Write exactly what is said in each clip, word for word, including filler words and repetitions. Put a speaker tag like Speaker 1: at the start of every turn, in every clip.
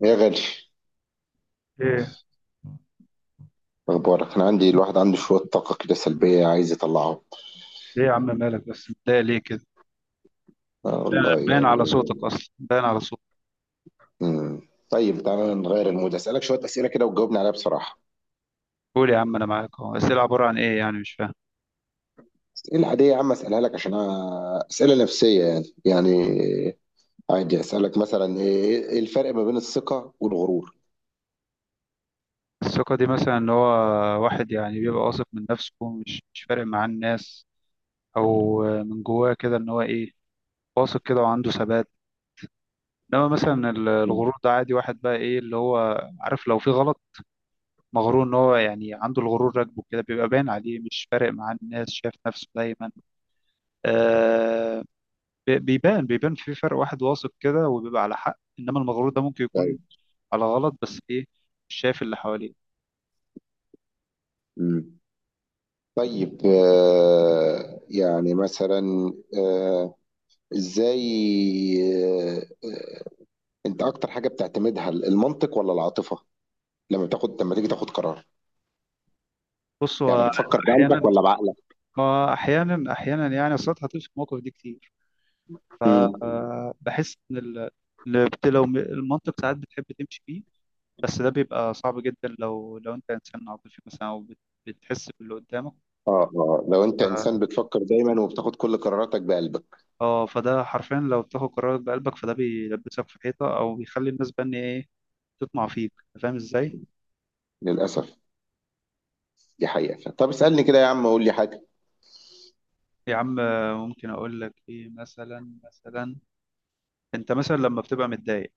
Speaker 1: يا غالي، إيه
Speaker 2: ايه
Speaker 1: اخبارك؟ انا عندي، الواحد عنده شويه طاقه كده سلبيه عايز يطلعها.
Speaker 2: ايه يا عم، مالك؟ بس متضايق ليه كده؟
Speaker 1: آه والله
Speaker 2: باين
Speaker 1: يعني.
Speaker 2: على صوتك اصلا، باين على صوتك.
Speaker 1: مم. طيب، تعالى نغير المود، اسالك شويه اسئله كده وتجاوبني عليها بصراحه.
Speaker 2: قول يا عم، انا معاك اهو. الاسئله عباره عن ايه يعني؟ مش فاهم.
Speaker 1: اسئله عاديه يا عم، اسالها لك عشان أنا- اسئله نفسيه، يعني يعني عادي. اسالك مثلا، ايه إيه الفرق ما بين الثقه والغرور؟
Speaker 2: الثقه دي مثلا ان هو واحد يعني بيبقى واثق من نفسه، مش مش فارق معاه الناس، او من جواه كده ان هو ايه، واثق كده وعنده ثبات. انما مثلا ال- الغرور ده عادي، واحد بقى ايه اللي هو، عارف، لو في غلط مغرور ان هو يعني عنده الغرور راكبه كده بيبقى باين عليه، مش فارق معاه الناس، شايف نفسه دايما. آه، بي- بيبان بيبان في فرق، واحد واثق كده وبيبقى على حق، انما المغرور ده ممكن يكون
Speaker 1: طيب.
Speaker 2: على غلط، بس ايه، مش شايف اللي حواليه.
Speaker 1: مم. طيب، آه يعني مثلا، آه ازاي؟ آه آه، انت اكتر حاجه بتعتمدها المنطق ولا العاطفه؟ لما بتاخد لما تيجي تاخد قرار،
Speaker 2: بص
Speaker 1: يعني
Speaker 2: هو
Speaker 1: بتفكر بقلبك
Speaker 2: احيانا
Speaker 1: ولا بعقلك؟
Speaker 2: آه، احيانا احيانا يعني، اصل أنت هتقف في المواقف دي كتير،
Speaker 1: امم.
Speaker 2: فبحس ان ال... ال- بت- لو م- المنطق ساعات بتحب تمشي فيه، بس ده بيبقى صعب جدا، لو لو انت انسان عاطفي مثلا او بت- بتحس باللي قدامك.
Speaker 1: اه، اه، لو انت انسان
Speaker 2: ف-
Speaker 1: بتفكر دايما وبتاخد كل قراراتك بقلبك
Speaker 2: اه فده حرفيا لو بتاخد قرارات بقلبك فده بيلبسك في حيطه، او بيخلي الناس بقى إن ايه، تطمع فيك. أنت فاهم ازاي؟
Speaker 1: للاسف، دي حقيقة. طب اسألني كده يا عم، قول لي حاجة.
Speaker 2: يا عم، ممكن اقول لك ايه مثلا. مثلا انت مثلا لما بتبقى متضايق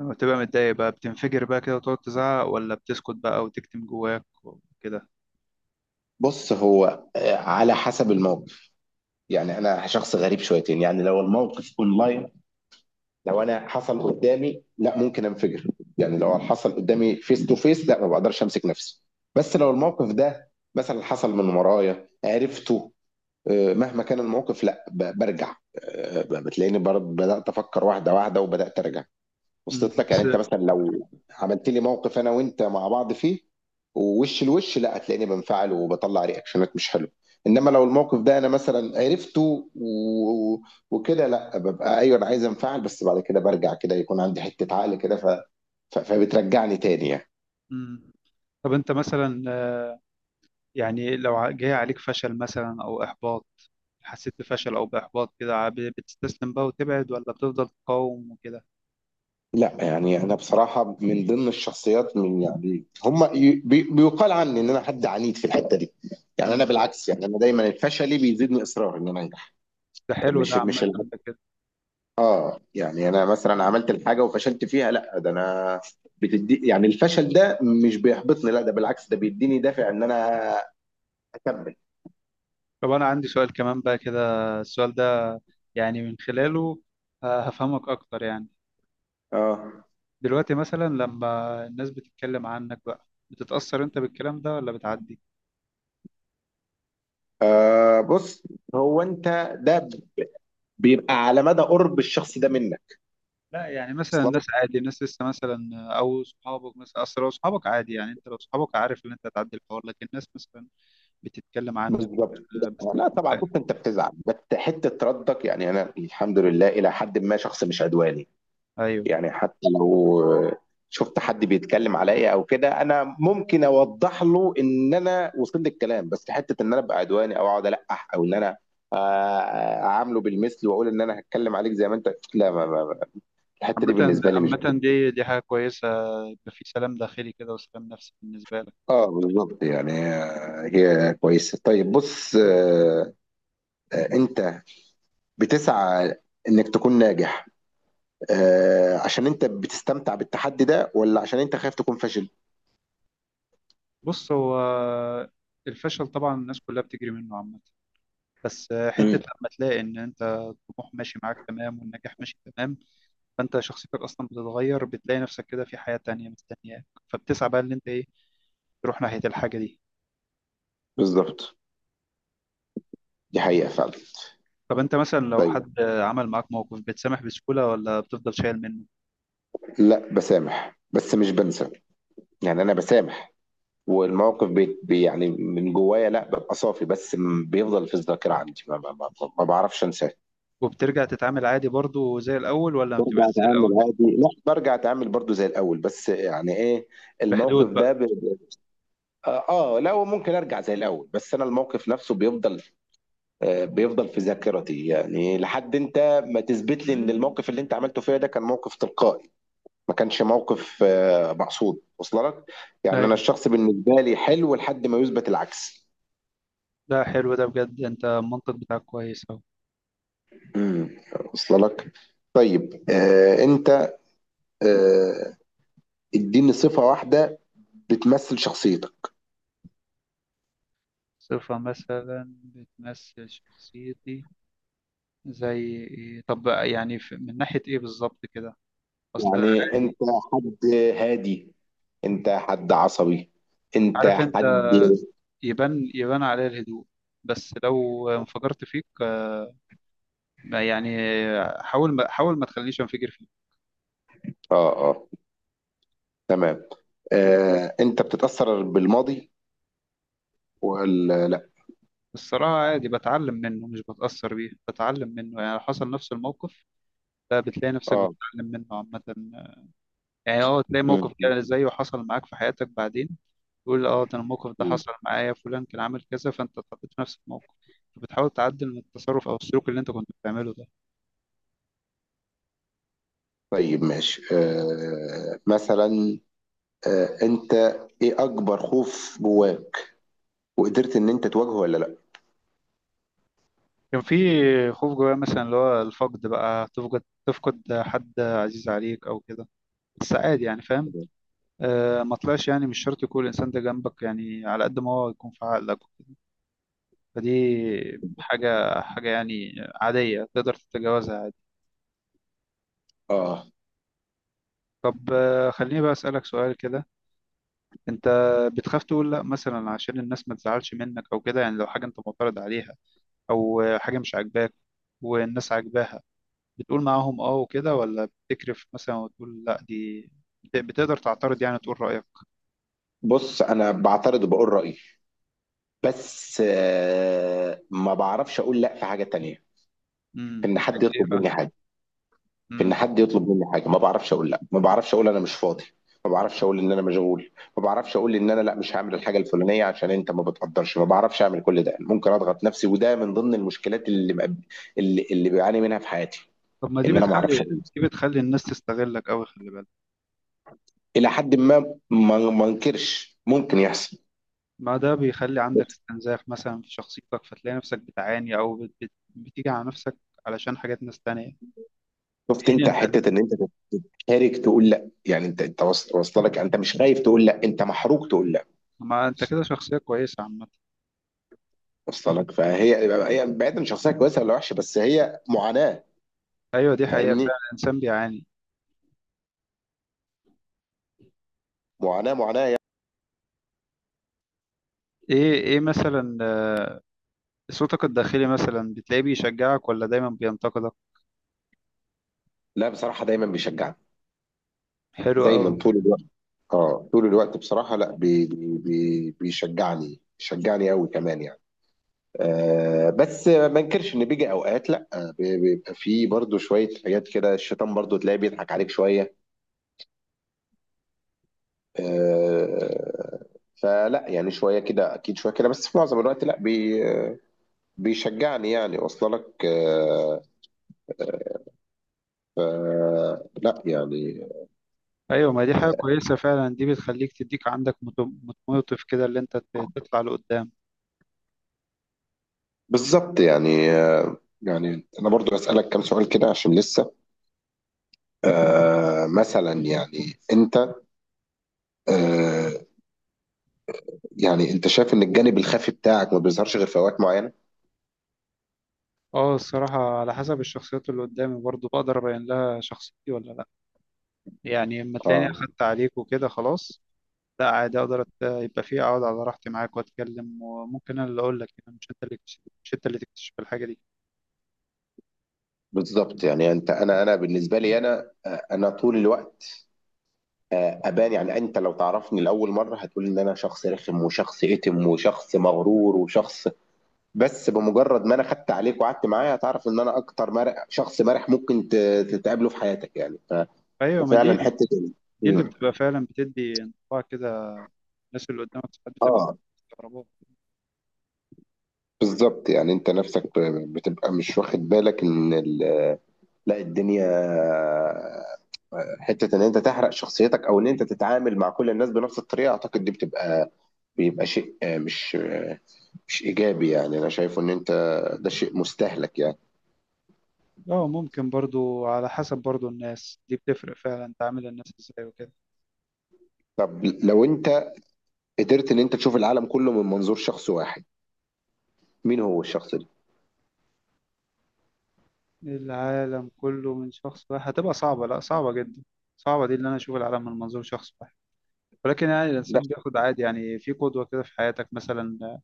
Speaker 2: لما بتبقى متضايق بقى بتنفجر بقى كده وتقعد تزعق، ولا بتسكت بقى وتكتم جواك وكده؟
Speaker 1: بص، هو آه، على حسب الموقف. يعني انا شخص غريب شويتين، يعني لو الموقف اونلاين، لو انا حصل قدامي، لا، ممكن انفجر. يعني لو حصل قدامي فيس تو فيس، لا، ما بقدرش امسك نفسي. بس لو الموقف ده مثلا حصل من ورايا عرفته، آه، مهما كان الموقف، لا ب- برجع، آه، بتلاقيني بر- بدأت أفكر واحدة واحدة وبدأت أرجع.
Speaker 2: مم،
Speaker 1: وصلت لك؟ يعني
Speaker 2: بس.
Speaker 1: أنت مثلا لو عملت لي موقف أنا وأنت مع بعض فيه ووش الوش، لا هتلاقيني بنفعل وبطلع رياكشنات مش حلوة. إنما لو الموقف ده أنا مثلا عرفته و... وكده، لا ببقى أيوه أنا عايز أنفعل، بس بعد كده برجع كده يكون عندي حتة عقل كده، ف... ف... فبترجعني تاني يعني.
Speaker 2: مم. طب انت مثلا، يعني لو ع- جاي عليك فشل مثلا او احباط، حسيت بفشل او باحباط كده، ع- بتستسلم بقى وتبعد، ولا بتفضل تقاوم وكده؟
Speaker 1: لا يعني انا بصراحه من ضمن الشخصيات، من يعني هم ي- بي- بيقال عني ان انا حد عنيد في الحته دي. يعني
Speaker 2: مم.
Speaker 1: انا بالعكس، يعني انا دايما الفشل بيزيدني اصرار ان انا انجح.
Speaker 2: ده حلو، ده
Speaker 1: مش
Speaker 2: عامة
Speaker 1: مش ال...
Speaker 2: ده كده.
Speaker 1: اه يعني انا مثلا عملت الحاجه وفشلت فيها، لا ده انا، بتدي، يعني الفشل ده مش بيحبطني، لا ده بالعكس، ده بيديني دافع ان انا اكمل.
Speaker 2: طب انا عندي سؤال كمان بقى كده، السؤال ده يعني من خلاله آه، هفهمك اكتر يعني.
Speaker 1: اه.
Speaker 2: دلوقتي مثلا لما الناس بتتكلم عنك بقى، بتتأثر انت بالكلام ده ولا بتعدي؟
Speaker 1: آه بص، هو انت ده بيبقى على مدى قرب الشخص ده منك
Speaker 2: لا يعني مثلا
Speaker 1: اصلا.
Speaker 2: الناس، عادي الناس لسه مثلا، او صحابك مثلا، اصل لو صحابك عادي يعني، انت لو صحابك عارف ان انت هتعدي الحوار، لكن الناس مثلا بتتكلم عنك.
Speaker 1: بالضبط.
Speaker 2: آه، بس
Speaker 1: لأ طبعًا، بُص أنت بتزعل، بس حتّة ردّك يعني أنا الحمد لله إلى حدٍ ما شخص مش عدواني،
Speaker 2: ايوه،
Speaker 1: يعني حتّى لو شُفت حد بيتكلّم عليّا أو كده، أنا ممكن أوضّح له إن أنا وصل لي الكلام، بس حتّة إن أنا أبقى عدواني أو أقعد ألقّح أو إن أنا آآ أعامله بالمِثل وأقول إن أنا هاتكلّم عليك زي ما أنت، لا، ما ما ما الحتّة دي
Speaker 2: عامة.
Speaker 1: بالنسبة لي مش
Speaker 2: عامة
Speaker 1: بت
Speaker 2: دي دي حاجة كويسة، يبقى في سلام داخلي كده وسلام نفسي بالنسبة لك.
Speaker 1: آه بالضبط، يعني آه، هي كويسة. طيب، بُص، آآ أنت بتسعى إنّك تكون ناجح، آه، عشان انت بتستمتع بالتحدي ده ولا عشان انت خايف تكون فاشل؟
Speaker 2: بص هو الفشل طبعا الناس كلها بتجري منه عامة، بس حتة
Speaker 1: امم.
Speaker 2: لما تلاقي إن أنت الطموح ماشي معاك تمام والنجاح ماشي تمام، فانت شخصيتك اصلا بتتغير، بتلاقي نفسك كده في حياة تانية مستنياك، فبتسعى بقى ان انت ايه، تروح ناحية الحاجة دي.
Speaker 1: بالظبط، دي حقيقة فعلا.
Speaker 2: طب انت مثلا لو
Speaker 1: طيب.
Speaker 2: حد عمل معاك موقف، بتسامح بسهولة ولا بتفضل شايل منه؟
Speaker 1: لا، بسامح بس مش بنسى. يعني انا بسامح، والموقف بي بي- يعني من جوايا، لا ببقى صافي، بس م- بيفضل في الذاكرة عندي، ما, ما, ما, ما بعرفش انساه.
Speaker 2: وبترجع تتعامل عادي برضو زي الاول، ولا ما
Speaker 1: برجع
Speaker 2: بتبقاش زي الاول؟
Speaker 1: اتعامل عادي؟ لا، برجع اتعامل برضو زي الاول، بس يعني ايه، الموقف
Speaker 2: بحدود
Speaker 1: ده
Speaker 2: بقى.
Speaker 1: ب... اه. آه، لا، وممكن ارجع زي الاول، بس انا الموقف نفسه بيفضل، آه، بيفضل في ذاكرتي، يعني لحد انت ما تثبت لي ان الموقف اللي انت عملته فيا ده كان موقف تلقائي، ما كانش موقف آه، مقصود. وصل لك؟ يعني انا
Speaker 2: ايوه،
Speaker 1: الشخص بالنسبه لي حلو لحد ما يثبت العكس.
Speaker 2: ده حلو ده بجد، انت المنطق بتاعك كويس اهو.
Speaker 1: امم. وصل لك؟ طيب، آه انت، آه اديني صفه واحده بتمثل شخصيتك.
Speaker 2: صفة مثلا بتمثل شخصيتي زي ايه؟ طب بقى يعني في- من ناحية ايه بالظبط كده؟ اصل
Speaker 1: يعني انت
Speaker 2: عادي.
Speaker 1: حد هادي؟ انت حد عصبي؟ انت
Speaker 2: عارف انت،
Speaker 1: حد...
Speaker 2: يبان يبان عليها الهدوء، بس لو انفجرت فيك ما- يعني، حاول ما حاول ما تخليش انفجر فيه.
Speaker 1: اه، اه. تمام. آه انت بتتاثر بالماضي ولا لا؟
Speaker 2: الصراحة عادي، بتعلم منه مش بتأثر بيه، بتعلم منه يعني لو حصل نفس الموقف، لا بتلاقي نفسك
Speaker 1: اه.
Speaker 2: بتتعلم منه عامة، يعني اه تلاقي موقف
Speaker 1: مم.
Speaker 2: كده زيه حصل معاك في حياتك بعدين، تقول اه ده، أنا الموقف ده
Speaker 1: مم.
Speaker 2: حصل معايا، فلان كان عامل كذا، فانت اتحطيت في نفس الموقف فبتحاول تعدل من التصرف او السلوك اللي انت كنت بتعمله ده.
Speaker 1: طيب، ماشي، آه مثلا، آه انت، ايه اكبر خوف جواك وقدرت ان انت تواجهه ولا لا؟
Speaker 2: كان في خوف جوايا مثلا اللي هو الفقد بقى، تفقد تفقد حد عزيز عليك او كده، بس عادي يعني، فاهم؟ آه، ما طلعش، يعني مش شرط يكون الإنسان ده جنبك، يعني على قد ما هو يكون في عقلك وكده، فدي حاجة حاجة يعني، عادية، تقدر تتجاوزها عادي.
Speaker 1: اه.
Speaker 2: طب آه خليني بقى أسألك سؤال كده. أنت بتخاف تقول لأ مثلا عشان الناس ما تزعلش منك أو كده؟ يعني لو حاجة أنت معترض عليها، أو آه، حاجة مش عاجباك والناس عاجباها، بتقول معاهم أه وكده، ولا بتكرف مثلا وتقول لأ؟ دي بت- بتقدر تعترض يعني، تقول رأيك؟
Speaker 1: بص، انا بعترض وبقول رايي، بس آه ما بعرفش اقول لا في حاجه تانية.
Speaker 2: امم
Speaker 1: ان حد
Speaker 2: إيه
Speaker 1: يطلب
Speaker 2: بقى؟
Speaker 1: مني حاجه، في ان
Speaker 2: مم.
Speaker 1: حد يطلب مني حاجه ما بعرفش اقول لا، ما بعرفش اقول انا مش فاضي، ما بعرفش اقول ان انا مشغول، ما بعرفش اقول ان انا لا مش هعمل الحاجه الفلانيه عشان انت ما بتقدرش، ما بعرفش اعمل كل ده. ممكن اضغط نفسي، وده من ضمن المشكلات اللي مقب- اللي, اللي بعاني منها في حياتي،
Speaker 2: طب ما دي
Speaker 1: ان انا ما اعرفش
Speaker 2: بتخلي
Speaker 1: اقول لا.
Speaker 2: دي بتخلي الناس تستغلك أوي، خلي بالك.
Speaker 1: الى حد ما ما ما انكرش ممكن يحصل.
Speaker 2: ما ده بيخلي عندك
Speaker 1: بس
Speaker 2: استنزاف مثلا في شخصيتك، فتلاقي نفسك بتعاني أو بت... بت... بتيجي على نفسك علشان حاجات ناس تانية، في
Speaker 1: شفت
Speaker 2: حين
Speaker 1: انت حته
Speaker 2: إن،
Speaker 1: ان انت تتحرك تقول لا؟ يعني انت انت وص- واصله لك، انت مش خايف تقول لا، انت محروق تقول لا.
Speaker 2: ما أنت كده شخصية كويسة عامة.
Speaker 1: واصله لك؟ فهي، هي بعيدا عن شخصيه كويسه ولا وحشه، بس هي معاناه.
Speaker 2: أيوة دي حقيقة
Speaker 1: فاهمني؟
Speaker 2: فعلا، الإنسان بيعاني.
Speaker 1: معاناة معاناة يعني.
Speaker 2: إيه، إيه مثلا، آه، صوتك الداخلي مثلا بتلاقيه بيشجعك ولا دايما بينتقدك؟
Speaker 1: لا بصراحة دايما بيشجعني.
Speaker 2: حلو أوي.
Speaker 1: دايما طول الوقت. اه طول الوقت بصراحة، لا بي بي بي بيشجعني، بيشجعني قوي كمان يعني. آه بس ما انكرش ان بيجي اوقات، لا، آه، بي- بيبقى فيه برضو شوية حاجات كده، الشيطان برضو تلاقيه بيضحك عليك شوية. آه فلا يعني شوية كده اكيد، شوية كده، بس في معظم الوقت لا بي بيشجعني، يعني، واصله لك؟ آه ف- لا يعني.
Speaker 2: أيوة ما دي حاجة كويسة فعلا، دي بتخليك تديك عندك موتو- موتيف كده اللي أنت ت- تطلع لقدام.
Speaker 1: بالظبط. يعني آه، يعني انا برضو اسالك كام سؤال كده عشان لسه. آه مثلا يعني انت، آه يعني انت شايف ان الجانب الخفي بتاعك ما بيظهرش غير في اوقات معينه؟
Speaker 2: اه الصراحة على حسب الشخصيات اللي قدامي برضو بقدر أبين لها شخصيتي ولا لأ، يعني اما تلاقيني
Speaker 1: اه،
Speaker 2: أخدت عليك وكده خلاص، لا عادي أقدر أت- يبقى فيه، أقعد على راحتي معاك وأتكلم، وممكن أنا اللي أقول لك، يعني مش أنت اللي تكتشف، مش أنت اللي تكتشف الحاجة دي.
Speaker 1: بالظبط. يعني انت، انا انا بالنسبه لي، انا آه، انا طول الوقت، آه، ابان. يعني انت لو تعرفني لاول مره هتقول ان انا شخص رخم وشخص اتم وشخص مغرور وشخص، بس بمجرد ما انا خدت عليك وقعدت معايا هتعرف ان انا اكتر مرح، شخص مرح ممكن ت- تتقابله في حياتك يعني.
Speaker 2: أيوة ما دي
Speaker 1: ففعلا حتة ال
Speaker 2: دي اللي
Speaker 1: إمم.
Speaker 2: بتبقى فعلا، بتدي انطباع كده، الناس اللي قدامك ساعات بتبقى
Speaker 1: آه،
Speaker 2: مستغربات.
Speaker 1: بالضبط، يعني أنت نَفْسك ب بتبقى مش واخد بالك إن ال لأ، الدنيا، حتة إن أنت تحرق شخصيتك أو إن أنت تتعامل مع كل الناس بنَفْس الطريقة، أعتقد دي بتبقى، بيبقى شيء آه، مش مش إيجابي يعني، أنا شايفه إن أنت ده شيء مستهلك يعني.
Speaker 2: اه ممكن برضو، على حسب برضو الناس، دي بتفرق فعلا، تعامل الناس ازاي وكده.
Speaker 1: طَب لو أنت قدرت إن أنت تشوف العالم كُلّه من منظور شخص واحد، مين هو الشخص ده؟
Speaker 2: العالم كله من شخص واحد هتبقى صعبة، لأ صعبة جدا، صعبة دي اللي أنا أشوف العالم من منظور شخص واحد، ولكن يعني
Speaker 1: ده
Speaker 2: الإنسان بياخد عادي يعني، في قدوة كده في حياتك مثلا،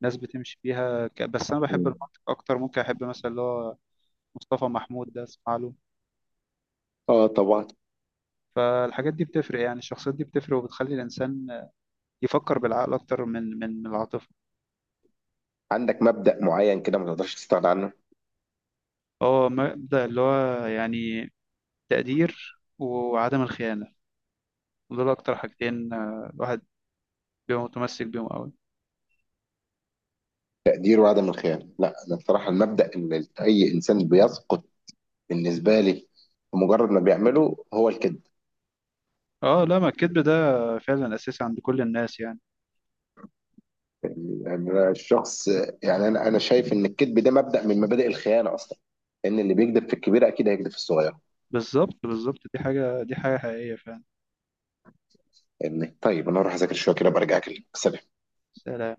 Speaker 2: ناس بتمشي بيها ك... بس أنا بحب
Speaker 1: إمم.
Speaker 2: المنطق أكتر، ممكن أحب مثلا اللي هو مصطفى محمود ده، أسمع له.
Speaker 1: آه طبعًا،
Speaker 2: فالحاجات دي بتفرق، يعني الشخصيات دي بتفرق وبتخلي الإنسان يفكر بالعقل أكتر من من من العاطفة.
Speaker 1: عندك مبدأ معيّن كده ما تقدرش تستغنى عنه؟
Speaker 2: هو مبدأ اللي هو يعني تقدير وعدم الخيانة، دول أكتر حاجتين، آه، الواحد بيبقى متمسك بيهم أوي.
Speaker 1: تقدير وعدم الخيانة، لا أنا بصراحة المبدأ اللي أي إنسان بيسقط بالنسبة لي بمجرد ما بيعمله هو الكذب.
Speaker 2: اه لا، ما الكذب ده فعلا أساسي عند كل الناس يعني.
Speaker 1: يعني أنا الشخص، يعني أنا أنا شايف إن الكذب ده مبدأ من مبادئ الخيانة أصلا، إن اللي بيكذب في الكبيرة أكيد هيكذب في الصغيرة.
Speaker 2: بالظبط بالظبط، دي حاجة دي حاجة حقيقية فعلا.
Speaker 1: يعني طيب أنا هروح أذاكر شوية كده، أبقى أرجع أكلمك. سلام.
Speaker 2: سلام.